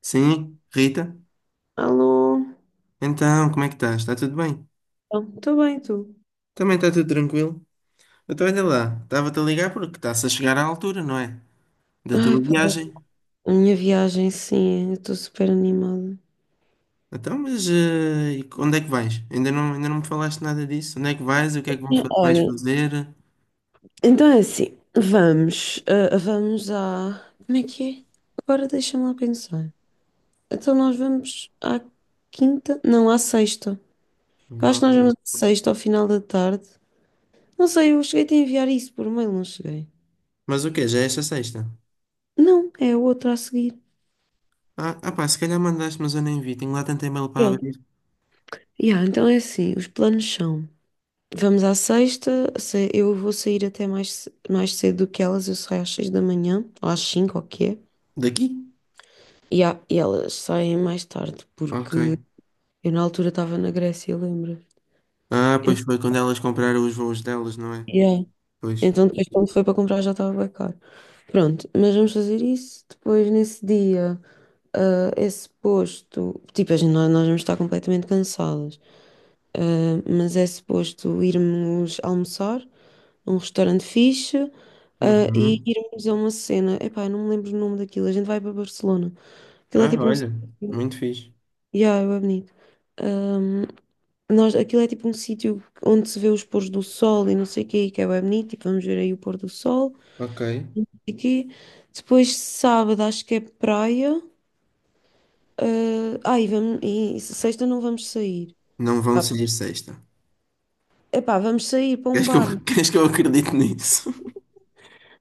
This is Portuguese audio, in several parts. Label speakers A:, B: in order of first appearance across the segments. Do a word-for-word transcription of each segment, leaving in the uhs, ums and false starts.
A: Sim, Rita?
B: Alô?
A: Então, como é que estás? Está tudo bem?
B: Estou bem, tu?
A: Também está tudo tranquilo? Então, olha lá, estava-te a ligar porque está-se a chegar à altura, não é? Da
B: Ai,
A: tua
B: pá,
A: viagem.
B: a minha viagem, sim, eu estou super animada.
A: Então, mas eh, e onde é que vais? Ainda não, ainda não me falaste nada disso. Onde é que vais? O que é que vão fa-
B: Sim,
A: vais
B: olha,
A: fazer?
B: então é assim, vamos, ah, vamos à. Como é que é? Agora deixa-me lá pensar. Então nós vamos à quinta? Não, à sexta. Eu acho que nós
A: Vão-
B: vamos à sexta, ao final da tarde. Não sei, eu cheguei a enviar isso por mail, não cheguei.
A: Mas o quê? Já é esta sexta?
B: Não, é a outra a seguir.
A: Ah, ah pá, se calhar mandaste, mas eu nem vi. Tenho lá tanto e-mail para
B: Pronto.
A: abrir.
B: Yeah, então é assim, os planos são. Vamos à sexta. se- Eu vou sair até mais, ce- mais cedo do que elas. Eu saio às seis da manhã, ou às cinco, ou o que é.
A: Daqui?
B: E, a- e elas saem mais tarde, porque
A: Ok.
B: eu na altura estava na Grécia, lembra?
A: Ah, pois
B: En-
A: foi quando elas compraram os voos delas, não é?
B: Yeah.
A: Pois.
B: Então depois quando foi para comprar já estava bem caro. Pronto, mas vamos fazer isso. Depois nesse dia, ah, esse posto, tipo, a gente, nós, nós vamos estar completamente cansadas. Uh, mas é suposto irmos almoçar num restaurante fixe, uh, e
A: Uhum.
B: irmos a uma cena. Epá, eu não me lembro o nome daquilo. A gente vai para Barcelona. Aquilo é
A: Ah,
B: tipo um.
A: olha,
B: sítio-
A: muito fixe.
B: Yeah, é bonito. Um, nós, aquilo é tipo um sítio onde se vê os pôres do sol e não sei o quê, que é bem bonito. Tipo, vamos ver aí o pôr do sol.
A: Ok.
B: Aqui. Depois, sábado, acho que é praia. Uh, ah, e, vamos, e sexta não vamos sair.
A: Não vão
B: Pá,
A: sair sexta.
B: epá, vamos sair para um
A: Queres que eu,
B: bar.
A: queres que eu acredite nisso?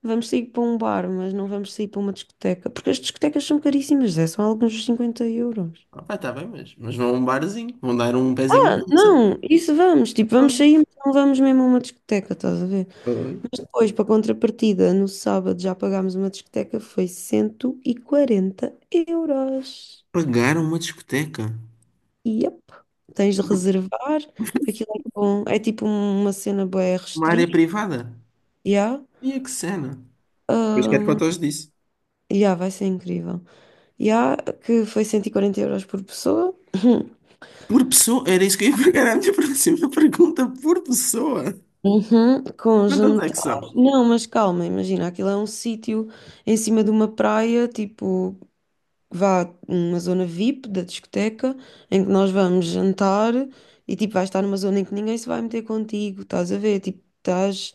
B: Vamos sair para um bar, mas não vamos sair para uma discoteca, porque as discotecas são caríssimas, é, são alguns cinquenta euros.
A: Ah, tá bem, mas, mas vão a um barzinho, vão dar um pezinho de
B: Ah,
A: dança.
B: não, isso vamos, tipo, vamos
A: Pois,
B: sair, mas não vamos mesmo a uma discoteca, estás a ver?
A: pois.
B: Mas depois, para contrapartida, no sábado já pagámos uma discoteca, foi cento e quarenta euros.
A: Pagaram uma discoteca,
B: Yep. Tens de reservar, aquilo é com, é tipo uma cena bué
A: uma área
B: restrita,
A: privada.
B: já, já
A: E a que cena? Pois quero fotos disso.
B: vai ser incrível. Já, yeah, que foi cento e quarenta euros por pessoa.
A: Por pessoa, era isso que eu ia pegar a minha próxima pergunta, por pessoa.
B: Uhum, com um
A: Quantas é
B: jantar.
A: que são?
B: Não, mas calma, imagina, aquilo é um sítio em cima de uma praia, tipo, vá uma zona vip da discoteca, em que nós vamos jantar e tipo, vais estar numa zona em que ninguém se vai meter contigo, estás a ver? Tipo, estás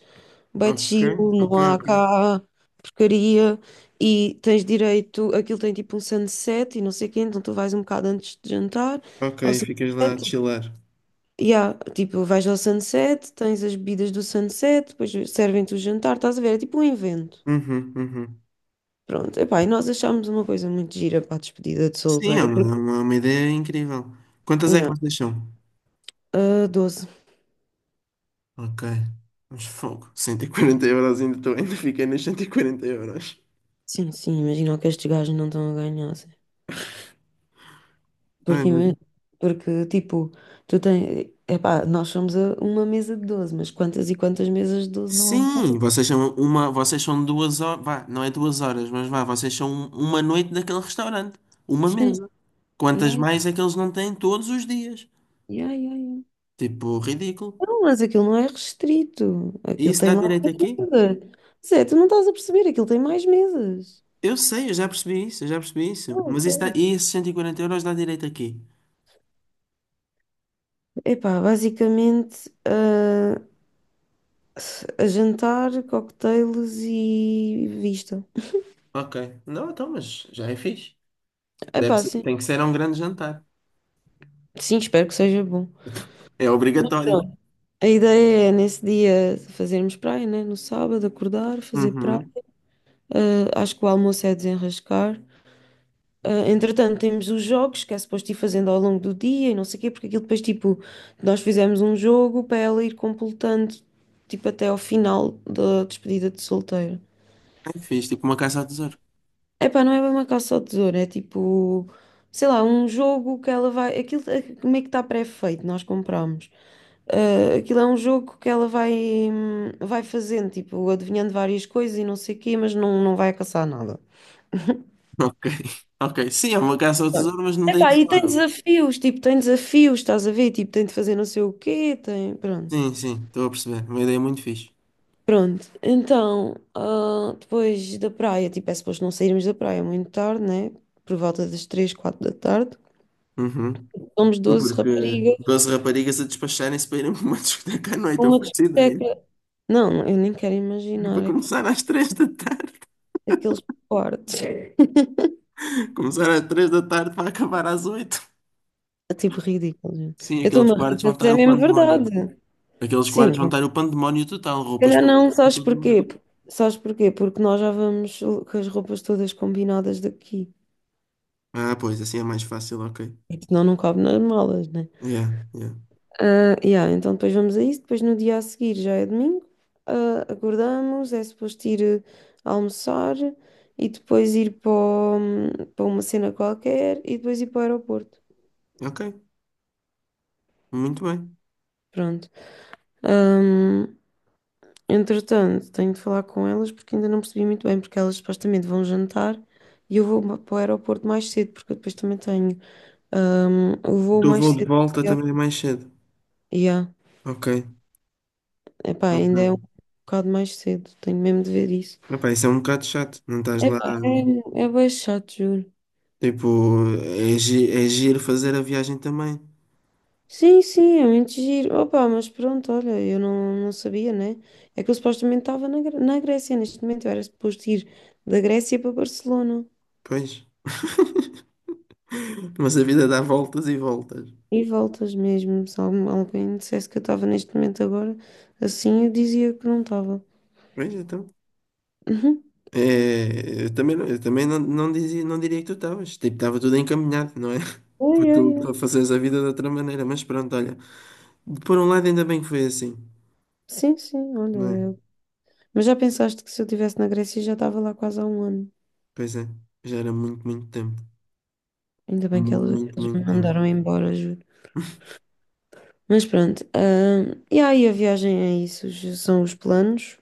B: bem
A: Ok,
B: chill,
A: ok,
B: não há
A: ok.
B: cá porcaria e tens direito, aquilo tem tipo um sunset e não sei o quê, então tu vais um bocado antes de jantar
A: Ok,
B: ao
A: ficas lá a
B: sunset.
A: chilar.
B: Yeah, tipo, vais ao sunset, tens as bebidas do sunset, depois servem-te o jantar, estás a ver? É tipo um evento.
A: Uhum, uhum.
B: Pronto, epá, e nós achámos uma coisa muito gira para a despedida de
A: Sim, é
B: solteira,
A: uma,
B: porque,
A: é uma é uma ideia incrível. Quantas é que
B: yeah,
A: vocês são?
B: ah, doze.
A: Ok. Mas fogo. Cento e quarenta euros ainda, tô, ainda fiquei nas cento e quarenta euros.
B: Sim, sim, imagina o que estes gajos não estão a ganhar, assim.
A: Ai,
B: Porque,
A: meu
B: ima-
A: Deus.
B: porque tipo, tu tens, epá, nós somos a uma mesa de doze mas quantas e quantas mesas de doze não há?
A: Sim, vocês são uma, vocês são duas horas, vá, não é duas horas, mas vá, vocês são uma noite daquele restaurante, uma
B: Sim,
A: mesa. Quantas
B: yeah,
A: mais é que eles não têm todos os dias?
B: yeah, yeah, yeah.
A: Tipo, ridículo.
B: Não, mas aquilo não é restrito.
A: E
B: Aquilo
A: isso
B: tem
A: dá
B: lá
A: direito
B: mais
A: aqui?
B: mesas. Zé, tu não estás a perceber, aquilo tem mais mesas.
A: Eu sei, eu já percebi isso, eu já percebi isso.
B: Não,
A: Mas isso dá,
B: ok.
A: e esses cento e quarenta euros dá direito aqui?
B: Epá, basicamente, ah, a jantar, cocktails e vista.
A: Ok. Não, então, mas já é fixe. Deve
B: Epá,
A: ser-
B: sim.
A: tem que ser um grande jantar.
B: Sim, espero que seja bom.
A: É obrigatório.
B: Pronto. A ideia é, nesse dia, fazermos praia, né? No sábado, acordar, fazer praia.
A: Uhum.
B: Ah, acho que o almoço é desenrascar. Ah, entretanto, temos os jogos que é suposto ir fazendo ao longo do dia e não sei o quê, porque aquilo depois, tipo, nós fizemos um jogo para ela ir completando, tipo, até ao final da despedida de solteiro.
A: É fixe, tipo uma caça ao tesouro.
B: Epá, não é bem uma caça ao tesouro, é tipo, sei lá, um jogo que ela vai. Aquilo é- como é que está pré-feito, nós compramos. Ah, aquilo é um jogo que ela vai, hum, vai fazendo, tipo, adivinhando várias coisas e não sei o quê, mas não, não vai caçar nada.
A: Ok, ok. Sim, é uma caça ao tesouro, mas não tem
B: Epá, e tem
A: tesouro.
B: desafios, tipo, tem desafios, estás a ver? Tipo, tem de fazer não sei o quê, tem. Pronto.
A: Sim, sim, estou a perceber. Uma ideia muito fixe.
B: Pronto, então, ah, depois da praia, tipo, é suposto não sairmos da praia muito tarde, né? Por volta das três, quatro da tarde.
A: Uhum.
B: Somos
A: Sim,
B: doze
A: porque
B: raparigas
A: doze raparigas a despacharem-se para irem para uma discoteca à noite,
B: para
A: eu
B: uma
A: faço ideia.
B: discoteca. Não, eu nem quero
A: É para
B: imaginar aque-
A: começar às três da tarde.
B: aqueles quartos.
A: Começar às três da tarde para acabar às oito.
B: É tipo ridículo, gente.
A: Sim,
B: Eu
A: aqueles
B: estou-me a rir,
A: quartos vão
B: mas
A: estar
B: é
A: o
B: mesmo verdade.
A: pandemónio. Aqueles
B: Sim,
A: quartos
B: se
A: vão estar o pandemónio total, roupas
B: calhar
A: para
B: não, sabes
A: todo mundo.
B: porquê? Sabes porquê? Porque nós já vamos com as roupas todas combinadas daqui.
A: Ah, pois, assim é mais fácil, ok.
B: Porque senão não cabe nas malas, né?
A: Yeah, yeah.
B: Ah, yeah, então depois vamos a isso. Depois no dia a seguir já é domingo. ah, acordamos, é suposto ir eh, almoçar e depois ir para, o- para uma cena qualquer e depois ir para o aeroporto.
A: Ok, muito bem.
B: Pronto. Ahm, entretanto, tenho de falar com elas porque ainda não percebi muito bem, porque elas supostamente vão jantar e eu vou ma- para o aeroporto mais cedo, porque eu depois também tenho ahm, o voo
A: Do
B: mais
A: voo de
B: cedo.
A: volta também é mais cedo.
B: Yeah.
A: Ok.
B: Epá, ainda é um
A: Ok.
B: bocado mais cedo, tenho mesmo de ver isso.
A: Epá, isso é um bocado chato. Não estás lá.
B: Epá, é, é bem chato, juro.
A: Tipo, é, gi é giro fazer a viagem também.
B: Sim, sim, é muito giro. Opa, mas pronto, olha, eu não, não sabia, né? É que eu supostamente estava na, Gre- na Grécia, neste momento eu era suposto ir da Grécia para Barcelona.
A: Pois. Mas a vida dá voltas e voltas.
B: E voltas mesmo, se algum- alguém dissesse que eu estava neste momento agora, assim eu dizia que não estava.
A: Pois então.
B: Uhum.
A: É, eu também, não, eu também não, não, dizia, não diria que tu estavas. Tipo, estava tudo encaminhado, não é?
B: Ai,
A: Porque
B: ai,
A: tu,
B: ai.
A: tu fazes a vida de outra maneira. Mas pronto, olha. Por um lado, ainda bem que foi assim,
B: Sim, sim, olha.
A: não é?
B: eu- Mas já pensaste que se eu estivesse na Grécia já estava lá quase há um ano?
A: Pois é. Já era muito, muito tempo.
B: Ainda bem que eles,
A: Muito,
B: eles me
A: muito tempo.
B: mandaram embora, juro. Mas pronto, ah, e aí a viagem é isso, os- são os planos.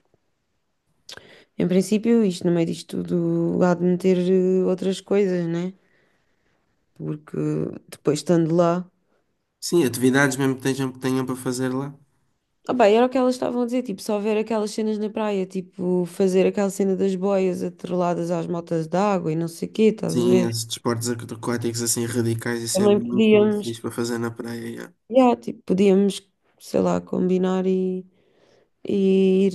B: Em princípio, isto no meio disto tudo há de meter eh, outras coisas, né? Porque depois estando lá.
A: Sim, atividades mesmo que tenham, que tenham para fazer lá.
B: Ah, bem, era o que elas estavam a dizer, tipo, só ver aquelas cenas na praia, tipo, fazer aquela cena das boias atreladas às motas d'água e não sei o quê, estás a
A: Sim,
B: ver?
A: esses desportos aquáticos assim radicais, isso é
B: Também
A: muito, muito
B: podíamos,
A: fixe para fazer na praia. Yeah.
B: yeah, tipo, podíamos, sei lá, combinar e, e ir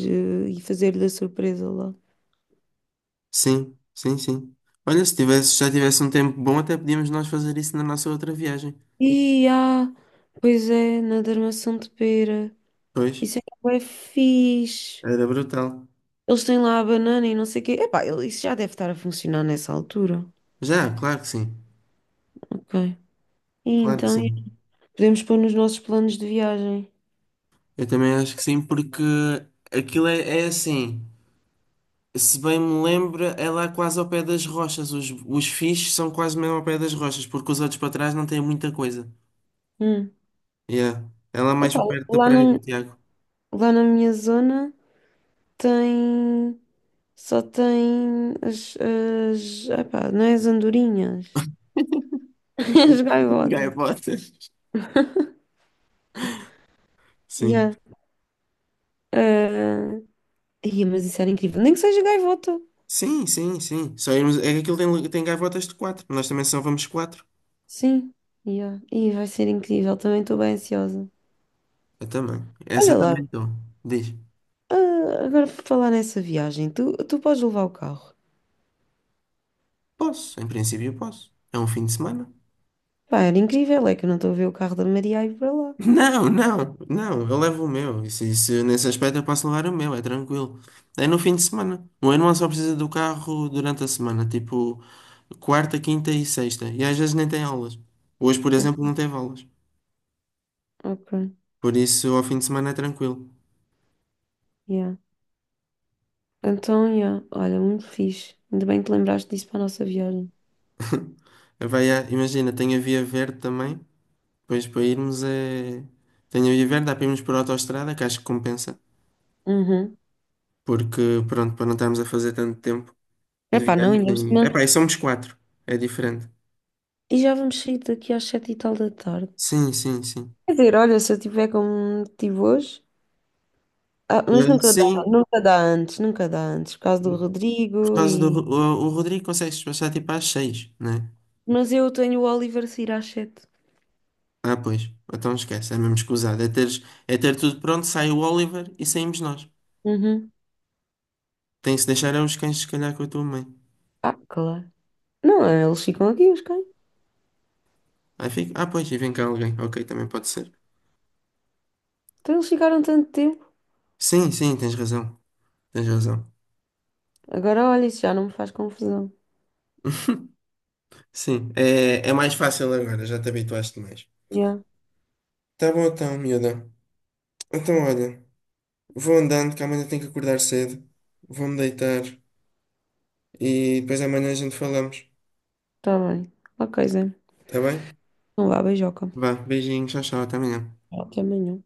B: eh, e fazer-lhe a surpresa lá.
A: Sim, sim, sim. Olha, se tivesse, já tivesse um tempo bom, até podíamos nós fazer isso na nossa outra viagem.
B: E ah, pois é, na armação de pera.
A: Pois,
B: Isso é que é fixe.
A: era brutal.
B: Eles têm lá a banana e não sei o quê. Epá, ele- isso já deve estar a funcionar nessa altura.
A: Já, claro que sim.
B: Ok. E
A: Claro que
B: então, e
A: sim.
B: podemos pôr nos nossos planos de viagem.
A: Eu também acho que sim, porque aquilo é, é assim. Se bem me lembro, é lá quase ao pé das rochas. Os, os fixes são quase mesmo ao pé das rochas, porque os outros para trás não têm muita coisa.
B: Hum.
A: Yeah. É lá mais
B: Epá,
A: para perto da
B: lá
A: praia do
B: na,
A: Tiago.
B: lá na minha zona tem. Só tem as, as, epá, não é as andorinhas, as gaivotas.
A: Gaiotas. Sim.
B: Yeah. Ah, ia, mas isso era incrível. Nem que seja gaivota.
A: Sim, sim, sim. Só irmos. É que aquilo tem, tem gaivotas de quatro. Nós também só vamos quatro.
B: Sim, yeah. E vai ser incrível, também estou bem ansiosa.
A: Eu também. Essa
B: Olha lá,
A: também estou. Diz.
B: ah, agora por falar nessa viagem, tu, tu podes levar o carro.
A: Posso, em princípio posso. É um fim de semana.
B: Pá, era incrível, é que eu não estou a ver o carro da Maria a ir para lá.
A: Não, não, não. Eu levo o meu. Isso, isso, nesse aspecto eu posso levar o meu, é tranquilo. É no fim de semana. O meu irmão só precisa do carro durante a semana, tipo quarta, quinta e sexta. E às vezes nem tem aulas. Hoje, por
B: Hum,
A: exemplo, não teve aulas.
B: Ok,
A: Por isso, ao fim de semana é tranquilo.
B: yeah. Então, yeah, olha, muito fixe. Ainda bem que te lembraste disso para a nossa viagem.
A: Vai a... Imagina, tem a Via Verde também. Pois para irmos é. Tenho a ver, dá para irmos por autoestrada, que acho que compensa.
B: Uhum.
A: Porque, pronto, para não estarmos a fazer tanto tempo de
B: Epá, não, ainda por
A: viagem.
B: cima.
A: Epá, e somos quatro. É diferente.
B: E já vamos sair daqui às sete e tal da tarde.
A: Sim, sim, sim.
B: Quer dizer, olha, se eu tiver como tive hoje. Ah, mas
A: Eh,
B: nunca dá,
A: sim,
B: nunca dá antes, nunca dá antes, por causa do
A: por
B: Rodrigo
A: causa do. Ro-
B: e.
A: O, o Rodrigo consegue se passar tipo às seis, né?
B: Mas eu tenho o Oliver sair às sete.
A: Ah, pois. Então esquece, é mesmo escusado. É teres, é ter tudo pronto, sai o Oliver e saímos nós.
B: Uhum.
A: Tem-se deixar aos cães, se calhar, com a tua mãe.
B: Ah, claro. Não, eles ficam aqui, os cães.
A: Aí fica. Ah, pois, e vem cá alguém. Ok, também pode ser.
B: Então eles ficaram tanto tempo.
A: Sim, sim, tens razão. Tens razão.
B: Agora olha, isso já não me faz confusão.
A: Sim, é, é mais fácil agora, já te habituaste mais.
B: Yeah,
A: Tá bom então, miúda. Então, olha, vou andando, que amanhã tenho que acordar cedo. Vou-me deitar e depois amanhã a gente falamos.
B: tá bem. Ok, Zé.
A: Tá bem?
B: Não vá, beijoca.
A: Vá, beijinho, tchau, tchau, até amanhã.
B: Até amanhã.